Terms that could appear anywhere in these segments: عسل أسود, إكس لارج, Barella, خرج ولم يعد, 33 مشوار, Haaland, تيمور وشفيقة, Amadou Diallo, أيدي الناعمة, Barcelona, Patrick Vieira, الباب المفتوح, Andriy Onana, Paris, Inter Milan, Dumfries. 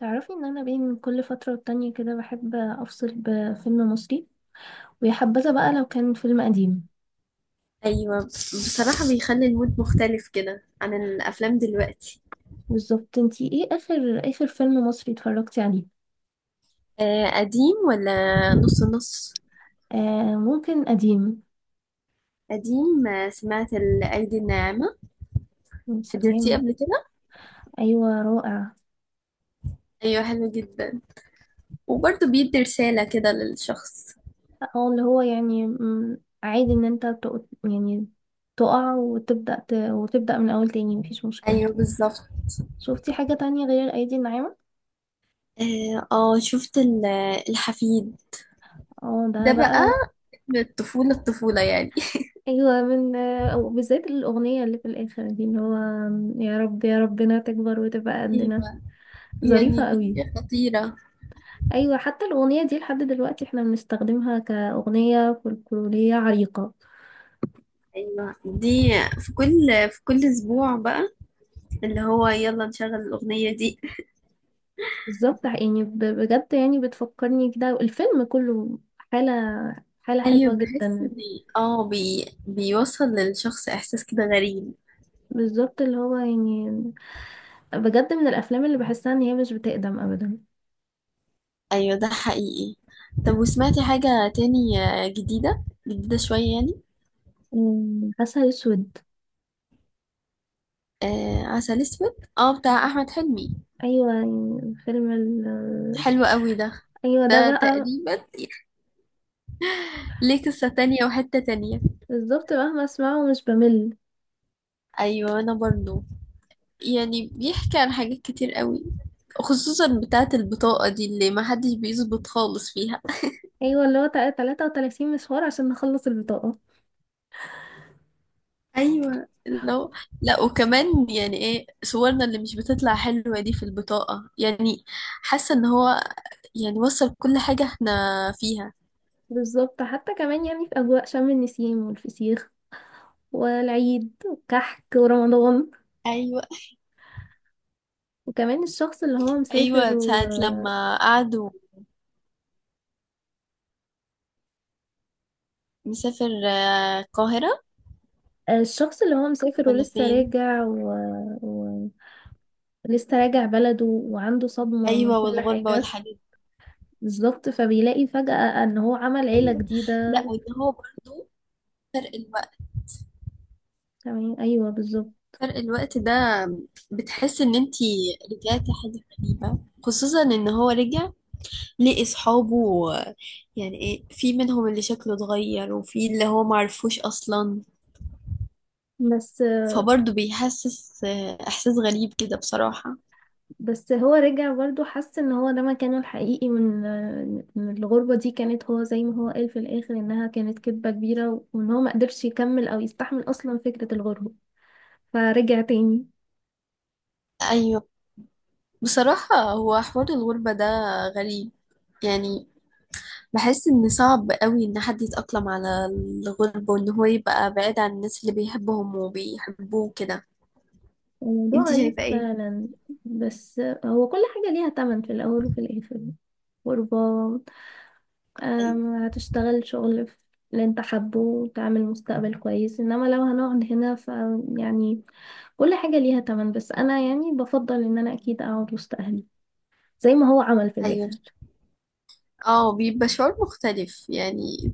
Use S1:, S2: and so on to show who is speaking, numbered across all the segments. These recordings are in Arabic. S1: تعرفي ان انا بين كل فترة والتانية كده بحب افصل بفيلم مصري، ويا حبذا بقى لو كان فيلم قديم.
S2: ايوه بصراحة بيخلي المود مختلف كده عن الافلام دلوقتي
S1: بالظبط، انتي ايه اخر اخر فيلم مصري اتفرجتي عليه؟
S2: قديم ولا؟ نص نص.
S1: آه ممكن قديم.
S2: قديم. سمعت الايدي الناعمة.
S1: يا
S2: حضرتيه
S1: سلام.
S2: قبل كده؟
S1: ايوه رائع.
S2: ايوه، حلو جدا وبرضه بيدي رسالة كده للشخص.
S1: اه اللي هو يعني عادي ان انت تقع وتبدأ وتبدأ من اول تاني، مفيش مشكلة.
S2: ايوه، بالظبط.
S1: شفتي حاجة تانية غير ايدي الناعمة؟
S2: اه، شفت الحفيد.
S1: اه ده
S2: ده بقى.
S1: بقى.
S2: من الطفولة الطفولة يعني.
S1: ايوه، من أو بالذات الاغنيه اللي في الاخر دي اللي هو يا رب يا ربنا تكبر وتبقى قدنا.
S2: ايوه، يعني
S1: ظريفه قوي.
S2: دي خطيرة.
S1: ايوه، حتى الاغنيه دي لحد دلوقتي احنا بنستخدمها كاغنيه فولكلوريه عريقه.
S2: ايوه، دي في كل في كل اسبوع بقى، اللي هو يلا نشغل الاغنية دي.
S1: بالظبط يعني بجد يعني بتفكرني كده الفيلم كله حاله، حاله حلوه
S2: ايوه، بحس
S1: جدا.
S2: ان بيوصل للشخص احساس كده غريب.
S1: بالظبط اللي هو يعني بجد من الافلام اللي بحسها ان هي مش بتقدم ابدا.
S2: ايوه، ده حقيقي. طب، وسمعتي حاجة تاني، جديدة جديدة شوية يعني؟
S1: عسل اسود.
S2: آه، عسل اسود، بتاع احمد حلمي.
S1: ايوه يعني
S2: حلو قوي ده.
S1: ايوه ده
S2: ده
S1: بقى.
S2: تقريبا ليه قصة تانية وحتة تانية.
S1: بالظبط مهما اسمعه مش بمل.
S2: ايوه، انا برضو، يعني بيحكي عن حاجات كتير قوي، خصوصا بتاعة البطاقة دي اللي محدش بيظبط خالص فيها.
S1: ايوه اللي هو 33 مشوار عشان نخلص البطاقة.
S2: ايوه. لا، وكمان يعني ايه صورنا اللي مش بتطلع حلوه دي في البطاقه، يعني حاسه ان هو يعني وصل كل حاجه احنا فيها.
S1: بالظبط، حتى كمان يعني في اجواء شم النسيم والفسيخ والعيد والكحك ورمضان.
S2: ايوه،
S1: وكمان الشخص اللي هو مسافر
S2: ايوه، ساعه لما قعدوا مسافر، القاهره
S1: الشخص اللي هو مسافر
S2: ولا
S1: ولسه
S2: فين؟
S1: راجع و... لسه راجع بلده وعنده صدمة من
S2: ايوه،
S1: كل
S2: والغربه
S1: حاجة.
S2: والحاجات دي.
S1: بالظبط، فبيلاقي فجأة ان هو عمل عيلة
S2: ايوه،
S1: جديده.
S2: لا، وان هو برضو فرق الوقت،
S1: تمام ايوه بالظبط.
S2: فرق الوقت ده بتحس ان انتي رجعتي حاجه غريبه، خصوصا ان هو رجع ليه اصحابه، يعني ايه، في منهم اللي شكله اتغير وفي اللي هو معرفوش اصلا،
S1: بس
S2: فبرضه بيحسس احساس غريب كده بصراحة.
S1: بس هو رجع برضه حس ان هو ده مكانه الحقيقي، وان إن الغربة دي كانت، هو زي ما هو قال في الاخر انها كانت كذبة كبيرة، وان هو ما قدرش يكمل او يستحمل اصلا فكرة الغربة، فرجع تاني.
S2: ايوه، بصراحة هو حوار الغربة ده غريب، يعني بحس ان صعب قوي ان حد يتأقلم على الغربة وان هو يبقى بعيد عن الناس اللي بيحبهم وبيحبوه كده.
S1: الموضوع
S2: انت شايفة
S1: غريب
S2: ايه؟
S1: فعلا. بس هو كل حاجة ليها تمن في الاول وفي الاخر. غربة. هتشتغل شغل في اللي انت حابه وتعمل مستقبل كويس، انما لو هنقعد هنا ف يعني كل حاجة ليها تمن، بس انا يعني بفضل ان انا اكيد اقعد وسط اهلي، زي ما هو عمل في
S2: ايوه،
S1: الآخر.
S2: اه، بيبقى شعور مختلف يعني.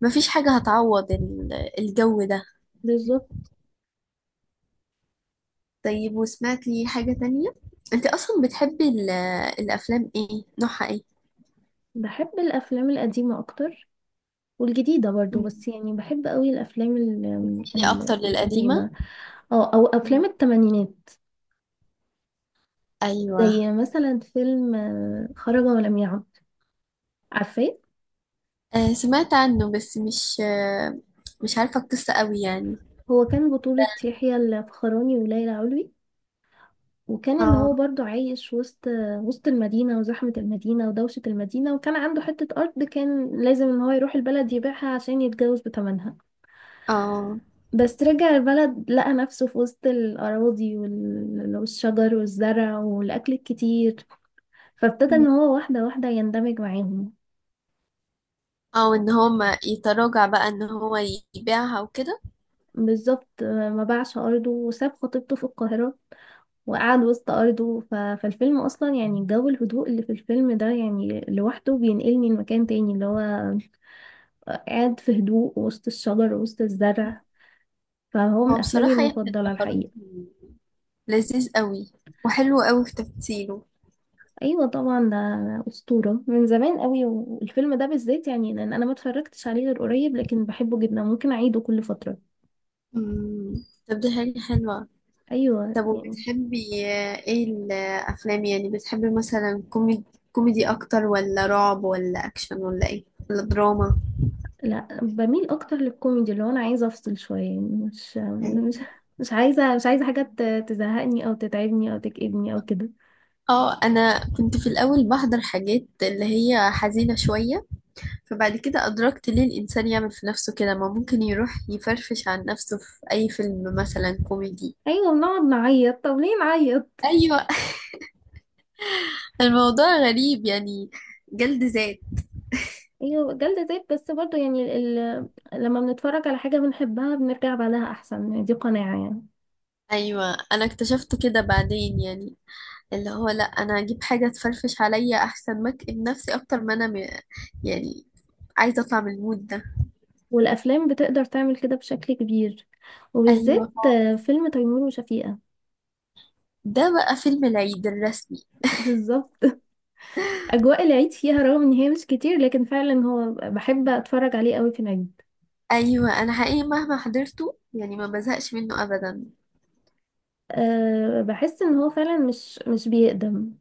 S2: مفيش حاجة هتعوض الجو ده.
S1: بالظبط.
S2: طيب، وسمعت لي حاجة تانية، انت اصلا بتحبي الافلام ايه، نوعها ايه؟
S1: بحب الأفلام القديمة أكتر، والجديدة برضو،
S2: مم.
S1: بس يعني بحب قوي الأفلام
S2: يعني اكتر للقديمة.
S1: القديمة. اه أو أفلام
S2: مم.
S1: التمانينات.
S2: ايوه.
S1: زي مثلا فيلم خرج ولم يعد. عارفاه؟
S2: آه، سمعت عنه بس مش عارفة القصة قوي يعني.
S1: هو كان بطولة يحيى الفخراني وليلى علوي، وكان ان
S2: اه،
S1: هو برضو عايش وسط المدينة وزحمة المدينة ودوشة المدينة، وكان عنده حتة أرض كان لازم ان هو يروح البلد يبيعها عشان يتجوز بتمنها.
S2: اه،
S1: بس رجع البلد لقى نفسه في وسط الأراضي والشجر والزرع والأكل الكتير، فابتدى إن
S2: مم.
S1: هو واحدة واحدة يندمج معاهم.
S2: او ان هو ما يتراجع بقى، ان هو يبيعها وكده.
S1: بالظبط، ما باعش أرضه وساب خطيبته في القاهرة وقعد وسط أرضه فالفيلم أصلا يعني جو الهدوء اللي في الفيلم ده يعني لوحده بينقلني لمكان تاني اللي هو قاعد في هدوء وسط الشجر وسط الزرع. فهو من
S2: هو
S1: أفلامي
S2: بصراحة يحيى
S1: المفضلة
S2: الفخراني
S1: الحقيقة.
S2: لذيذ قوي، وحلو قوي في تمثيله.
S1: ايوه طبعا، ده اسطوره من زمان قوي، والفيلم ده بالذات يعني لان انا ما اتفرجتش عليه غير قريب، لكن بحبه جدا ممكن اعيده كل فتره.
S2: مم. طب، دي حاجة حلوة.
S1: ايوه
S2: طب،
S1: يعني
S2: وبتحبي ايه الافلام؟ يعني بتحبي مثلا كوميدي. كوميدي اكتر ولا رعب ولا اكشن ولا ايه، ولا دراما؟
S1: لا، بميل اكتر للكوميدي، اللي هو انا عايزه افصل شويه، يعني
S2: أيوة.
S1: مش مش عايزه حاجه تزهقني او تتعبني او تكئبني او كده.
S2: اه، انا كنت في الاول بحضر حاجات اللي هي حزينة شوية، فبعد كده ادركت ليه الانسان يعمل في نفسه كده؟ ما ممكن يروح يفرفش عن نفسه في اي فيلم مثلا كوميدي.
S1: ايوه، بنقعد نعيط، طب ليه نعيط.
S2: ايوه. الموضوع غريب يعني، جلد ذات.
S1: ايوه جلد ذات، بس برضه يعني لما بنتفرج على حاجه بنحبها بنرجع بعدها احسن، دي قناعه يعني.
S2: ايوه، انا اكتشفت كده بعدين يعني، اللي هو لا، انا اجيب حاجه تفرفش عليا احسن ما اكئب نفسي اكتر، ما يعني عايزه اطلع من المود ده.
S1: والأفلام بتقدر تعمل كده بشكل كبير،
S2: ايوه،
S1: وبالذات فيلم تيمور وشفيقة.
S2: ده بقى فيلم العيد الرسمي.
S1: بالظبط. أجواء العيد فيها، رغم إن هي مش كتير، لكن فعلا هو بحب أتفرج عليه قوي في العيد.
S2: ايوه، انا حقيقي مهما حضرته يعني ما بزهقش منه ابدا.
S1: أه بحس إن هو فعلا مش بيقدم.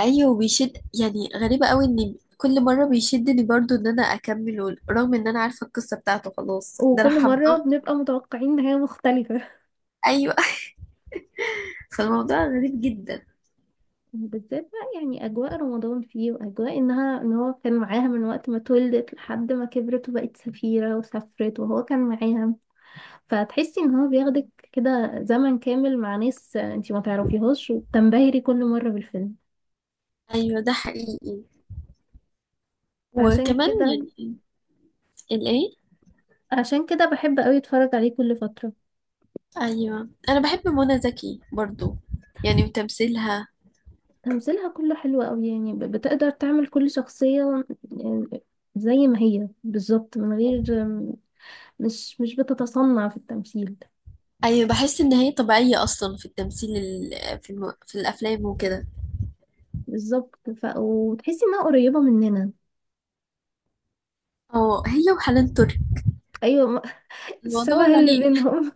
S2: ايوه، وبيشد، يعني غريبه قوي ان كل مره بيشدني برضو ان انا اكمله، رغم ان انا عارفه القصه بتاعته خلاص، ده انا
S1: وكل مرة
S2: حافظاه.
S1: بنبقى متوقعين نهاية مختلفة.
S2: ايوه. فالموضوع غريب جدا.
S1: بالذات بقى يعني أجواء رمضان فيه، وأجواء إنها، إن هو كان معاها من وقت ما اتولدت لحد ما كبرت وبقت سفيرة وسافرت وهو كان معاها، فتحسي ان هو بياخدك كده زمن كامل مع ناس انتي ما تعرفيهاش، وبتنبهري كل مرة بالفيلم.
S2: ايوه، ده حقيقي.
S1: فعشان
S2: وكمان
S1: كده
S2: يعني الايه؟
S1: عشان كده بحب قوي اتفرج عليه كل فترة.
S2: ايوه، انا بحب منى زكي برضو، يعني وتمثيلها.
S1: تمثيلها كله حلو قوي، يعني بتقدر تعمل كل شخصية، يعني زي ما هي بالظبط، من غير، مش بتتصنع في التمثيل.
S2: ايوه، بحس ان هي طبيعيه اصلا في التمثيل، في الافلام وكده.
S1: بالظبط وتحسي انها قريبة مننا.
S2: اه، هي وحنان ترك.
S1: ايوه
S2: الموضوع
S1: الشبه اللي
S2: غريب.
S1: بينهم،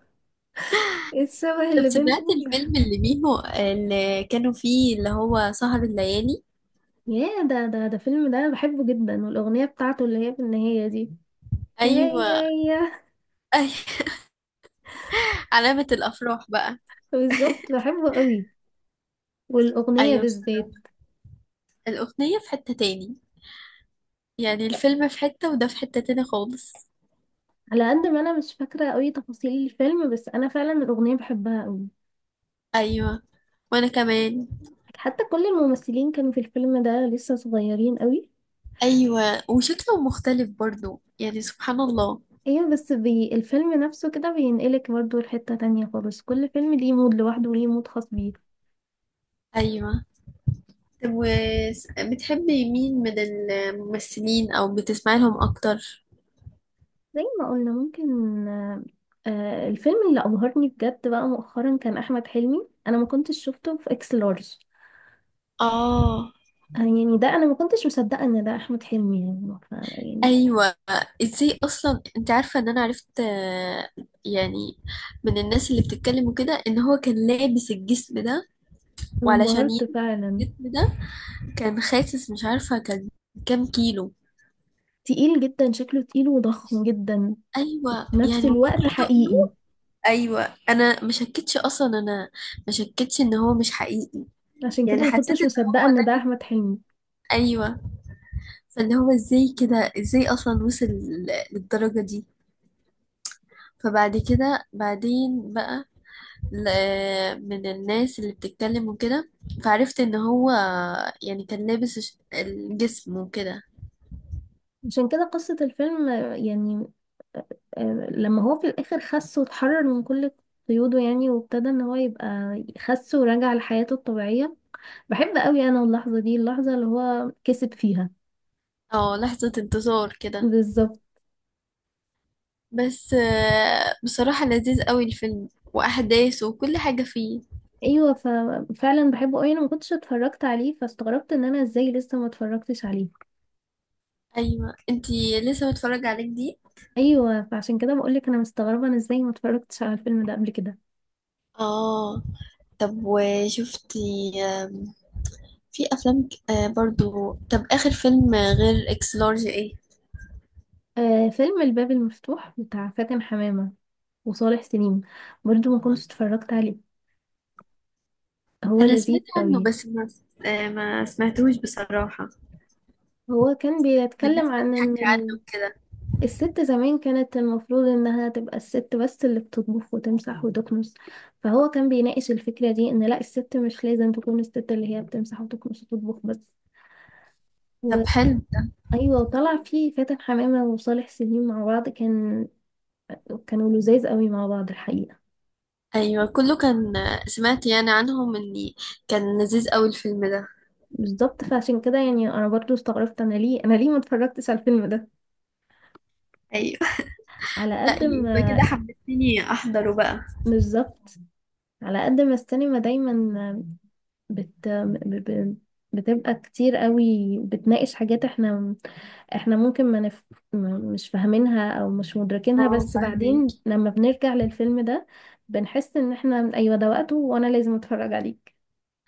S1: الشبه
S2: طب،
S1: اللي
S2: سمعت
S1: بينهم.
S2: الفيلم اللي ميمو اللي كانوا فيه، اللي هو سهر الليالي؟
S1: ياه، ده فيلم ده أنا بحبه جدا، والأغنية بتاعته اللي هي في النهاية دي، يا
S2: ايوه.
S1: يا يا.
S2: أي... علامه الافراح بقى.
S1: بالظبط، بحبه قوي، والأغنية
S2: ايوه، بصراحه
S1: بالذات.
S2: الاغنيه في حته تاني، يعني الفيلم في حته وده في حته تاني خالص.
S1: على قد ما أنا مش فاكرة قوي تفاصيل الفيلم، بس أنا فعلا الأغنية بحبها قوي.
S2: ايوه، وانا كمان.
S1: حتى كل الممثلين كانوا في الفيلم ده لسه صغيرين قوي.
S2: ايوه، وشكله مختلف برضو يعني، سبحان الله.
S1: ايوه، بس بي الفيلم نفسه كده بينقلك برضه لحتة تانية خالص، كل فيلم ليه مود لوحده وليه مود خاص بيه.
S2: ايوه. طب، وبتحبي مين من الممثلين او بتسمعي لهم اكتر؟
S1: زي ما قلنا ممكن الفيلم اللي أبهرني بجد بقى مؤخرا كان أحمد حلمي، أنا ما كنتش شفته في إكس لارج.
S2: اه.
S1: يعني ده أنا ما كنتش مصدقة إن ده أحمد حلمي، يعني
S2: ايوه، ازاي اصلا انت عارفه ان انا عرفت، يعني من الناس اللي بتتكلم وكده، ان هو كان لابس الجسم ده.
S1: أنا
S2: وعلشان
S1: انبهرت
S2: يلبس
S1: فعلا.
S2: الجسم ده كان خاسس، مش عارفه كان كام كيلو.
S1: تقيل جدا، شكله تقيل وضخم جدا
S2: ايوه،
S1: في نفس
S2: يعني من
S1: الوقت،
S2: كتر
S1: حقيقي.
S2: تقله. ايوه، انا ما شكتش اصلا، انا ما شكتش ان هو مش حقيقي.
S1: عشان كده
S2: يعني
S1: ما
S2: حسيت
S1: كنتش
S2: ان
S1: مصدقة إن ده
S2: جيت-
S1: أحمد حلمي.
S2: ايوه، فاللي هو ازاي كده، ازاي اصلا وصل للدرجة دي. فبعد كده بعدين بقى من الناس اللي بتتكلم وكده، فعرفت ان هو يعني كان لابس الجسم وكده.
S1: عشان كده قصة الفيلم آه، آه، لما هو في الآخر خس واتحرر من كل قيوده، يعني وابتدى إن هو يبقى خس ورجع لحياته الطبيعية. بحب قوي انا اللحظه دي، اللحظه اللي هو كسب فيها.
S2: اه، لحظة انتصار كده.
S1: بالظبط.
S2: بس بصراحة لذيذ قوي الفيلم، واحداثه وكل حاجة فيه.
S1: ايوه ففعلا بحبه قوي، انا ما كنتش اتفرجت عليه فاستغربت ان انا ازاي لسه ما اتفرجتش عليه.
S2: ايوه، انتي لسه متفرجة عليه جديد.
S1: ايوه فعشان كده بقول لك انا مستغربه انا ازاي ما اتفرجتش على الفيلم ده قبل كده.
S2: اه. طب، وشفتي في افلام برضو؟ طب، اخر فيلم غير اكس لارج ايه؟
S1: آه، فيلم الباب المفتوح بتاع فاتن حمامه وصالح سليم، برضو ما كنتش اتفرجت عليه. هو
S2: انا
S1: لذيذ
S2: سمعت عنه،
S1: قوي.
S2: بس ما سمعتوش بصراحة،
S1: هو كان
S2: من
S1: بيتكلم
S2: الناس
S1: عن ان
S2: بتحكي عنه كده.
S1: الست زمان كانت المفروض انها تبقى الست بس اللي بتطبخ وتمسح وتكنس، فهو كان بيناقش الفكرة دي ان لا، الست مش لازم تكون الست اللي هي بتمسح وتكنس وتطبخ بس
S2: طب،
S1: و...
S2: حلو.
S1: ايوه، وطلع فيه فاتن حمامة وصالح سليم مع بعض، كان كانوا لذاذ قوي مع بعض الحقيقة.
S2: ايوه، كله كان، سمعت يعني عنهم اني كان لذيذ قوي الفيلم ده.
S1: بالظبط، فعشان كده يعني انا برضو استغربت انا ليه، انا ليه ما اتفرجتش على الفيلم ده.
S2: ايوه.
S1: على
S2: لا،
S1: قد
S2: يبقى كده
S1: ما
S2: حمستني احضره بقى.
S1: بالظبط. على قد ما السينما دايما بت... ب... ب... بتبقى كتير قوي بتناقش حاجات احنا، احنا ممكن ما نف... ما- مش فاهمينها او مش مدركينها،
S2: اه،
S1: بس
S2: فاهمه.
S1: بعدين لما بنرجع للفيلم ده بنحس ان احنا ايوه ده وقته وانا لازم اتفرج عليك.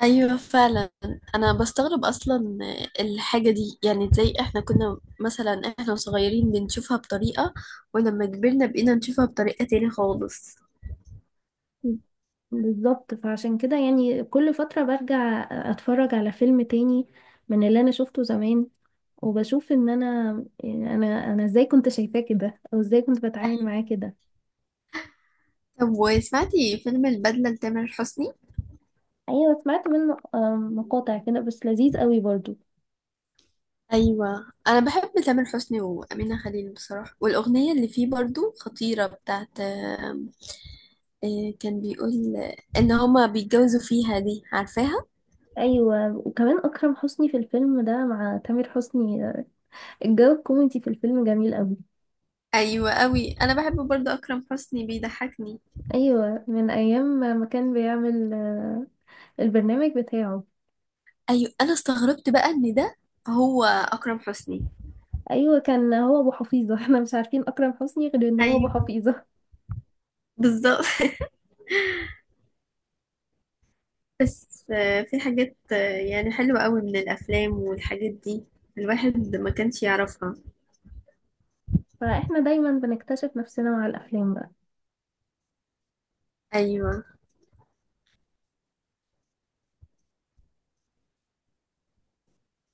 S2: ايوه فعلا. انا بستغرب اصلا الحاجه دي، يعني ازاي احنا كنا مثلا، احنا صغيرين بنشوفها بطريقه، ولما كبرنا بقينا نشوفها بطريقه تاني خالص.
S1: بالظبط، فعشان كده يعني كل فترة برجع اتفرج على فيلم تاني من اللي انا شفته زمان، وبشوف ان انا، يعني انا ازاي كنت شايفاه كده، او ازاي كنت بتعامل معاه كده.
S2: طب، وسمعتي فيلم البدلة لتامر حسني؟
S1: ايوه سمعت منه مقاطع كده بس لذيذ قوي برضو.
S2: ايوه، انا بحب تامر حسني وامينه خليل بصراحه، والاغنيه اللي فيه برضو خطيره بتاعت آم، آه، كان بيقول ان هما بيتجوزوا فيها دي، عارفاها؟
S1: ايوه وكمان اكرم حسني في الفيلم ده مع تامر حسني، الجو الكوميدي في الفيلم جميل قوي.
S2: أيوة، أوي أنا بحب برضه أكرم حسني، بيضحكني.
S1: ايوه من ايام ما كان بيعمل البرنامج بتاعه.
S2: ايوه، انا استغربت بقى ان ده هو اكرم حسني.
S1: ايوه كان هو ابو حفيظه. احنا مش عارفين اكرم حسني غير ان هو ابو
S2: ايوه،
S1: حفيظه.
S2: بالظبط. بس في حاجات، يعني حلوة قوي من الافلام، والحاجات دي الواحد ما كانش يعرفها.
S1: فاحنا دايما بنكتشف نفسنا مع الافلام.
S2: ايوه.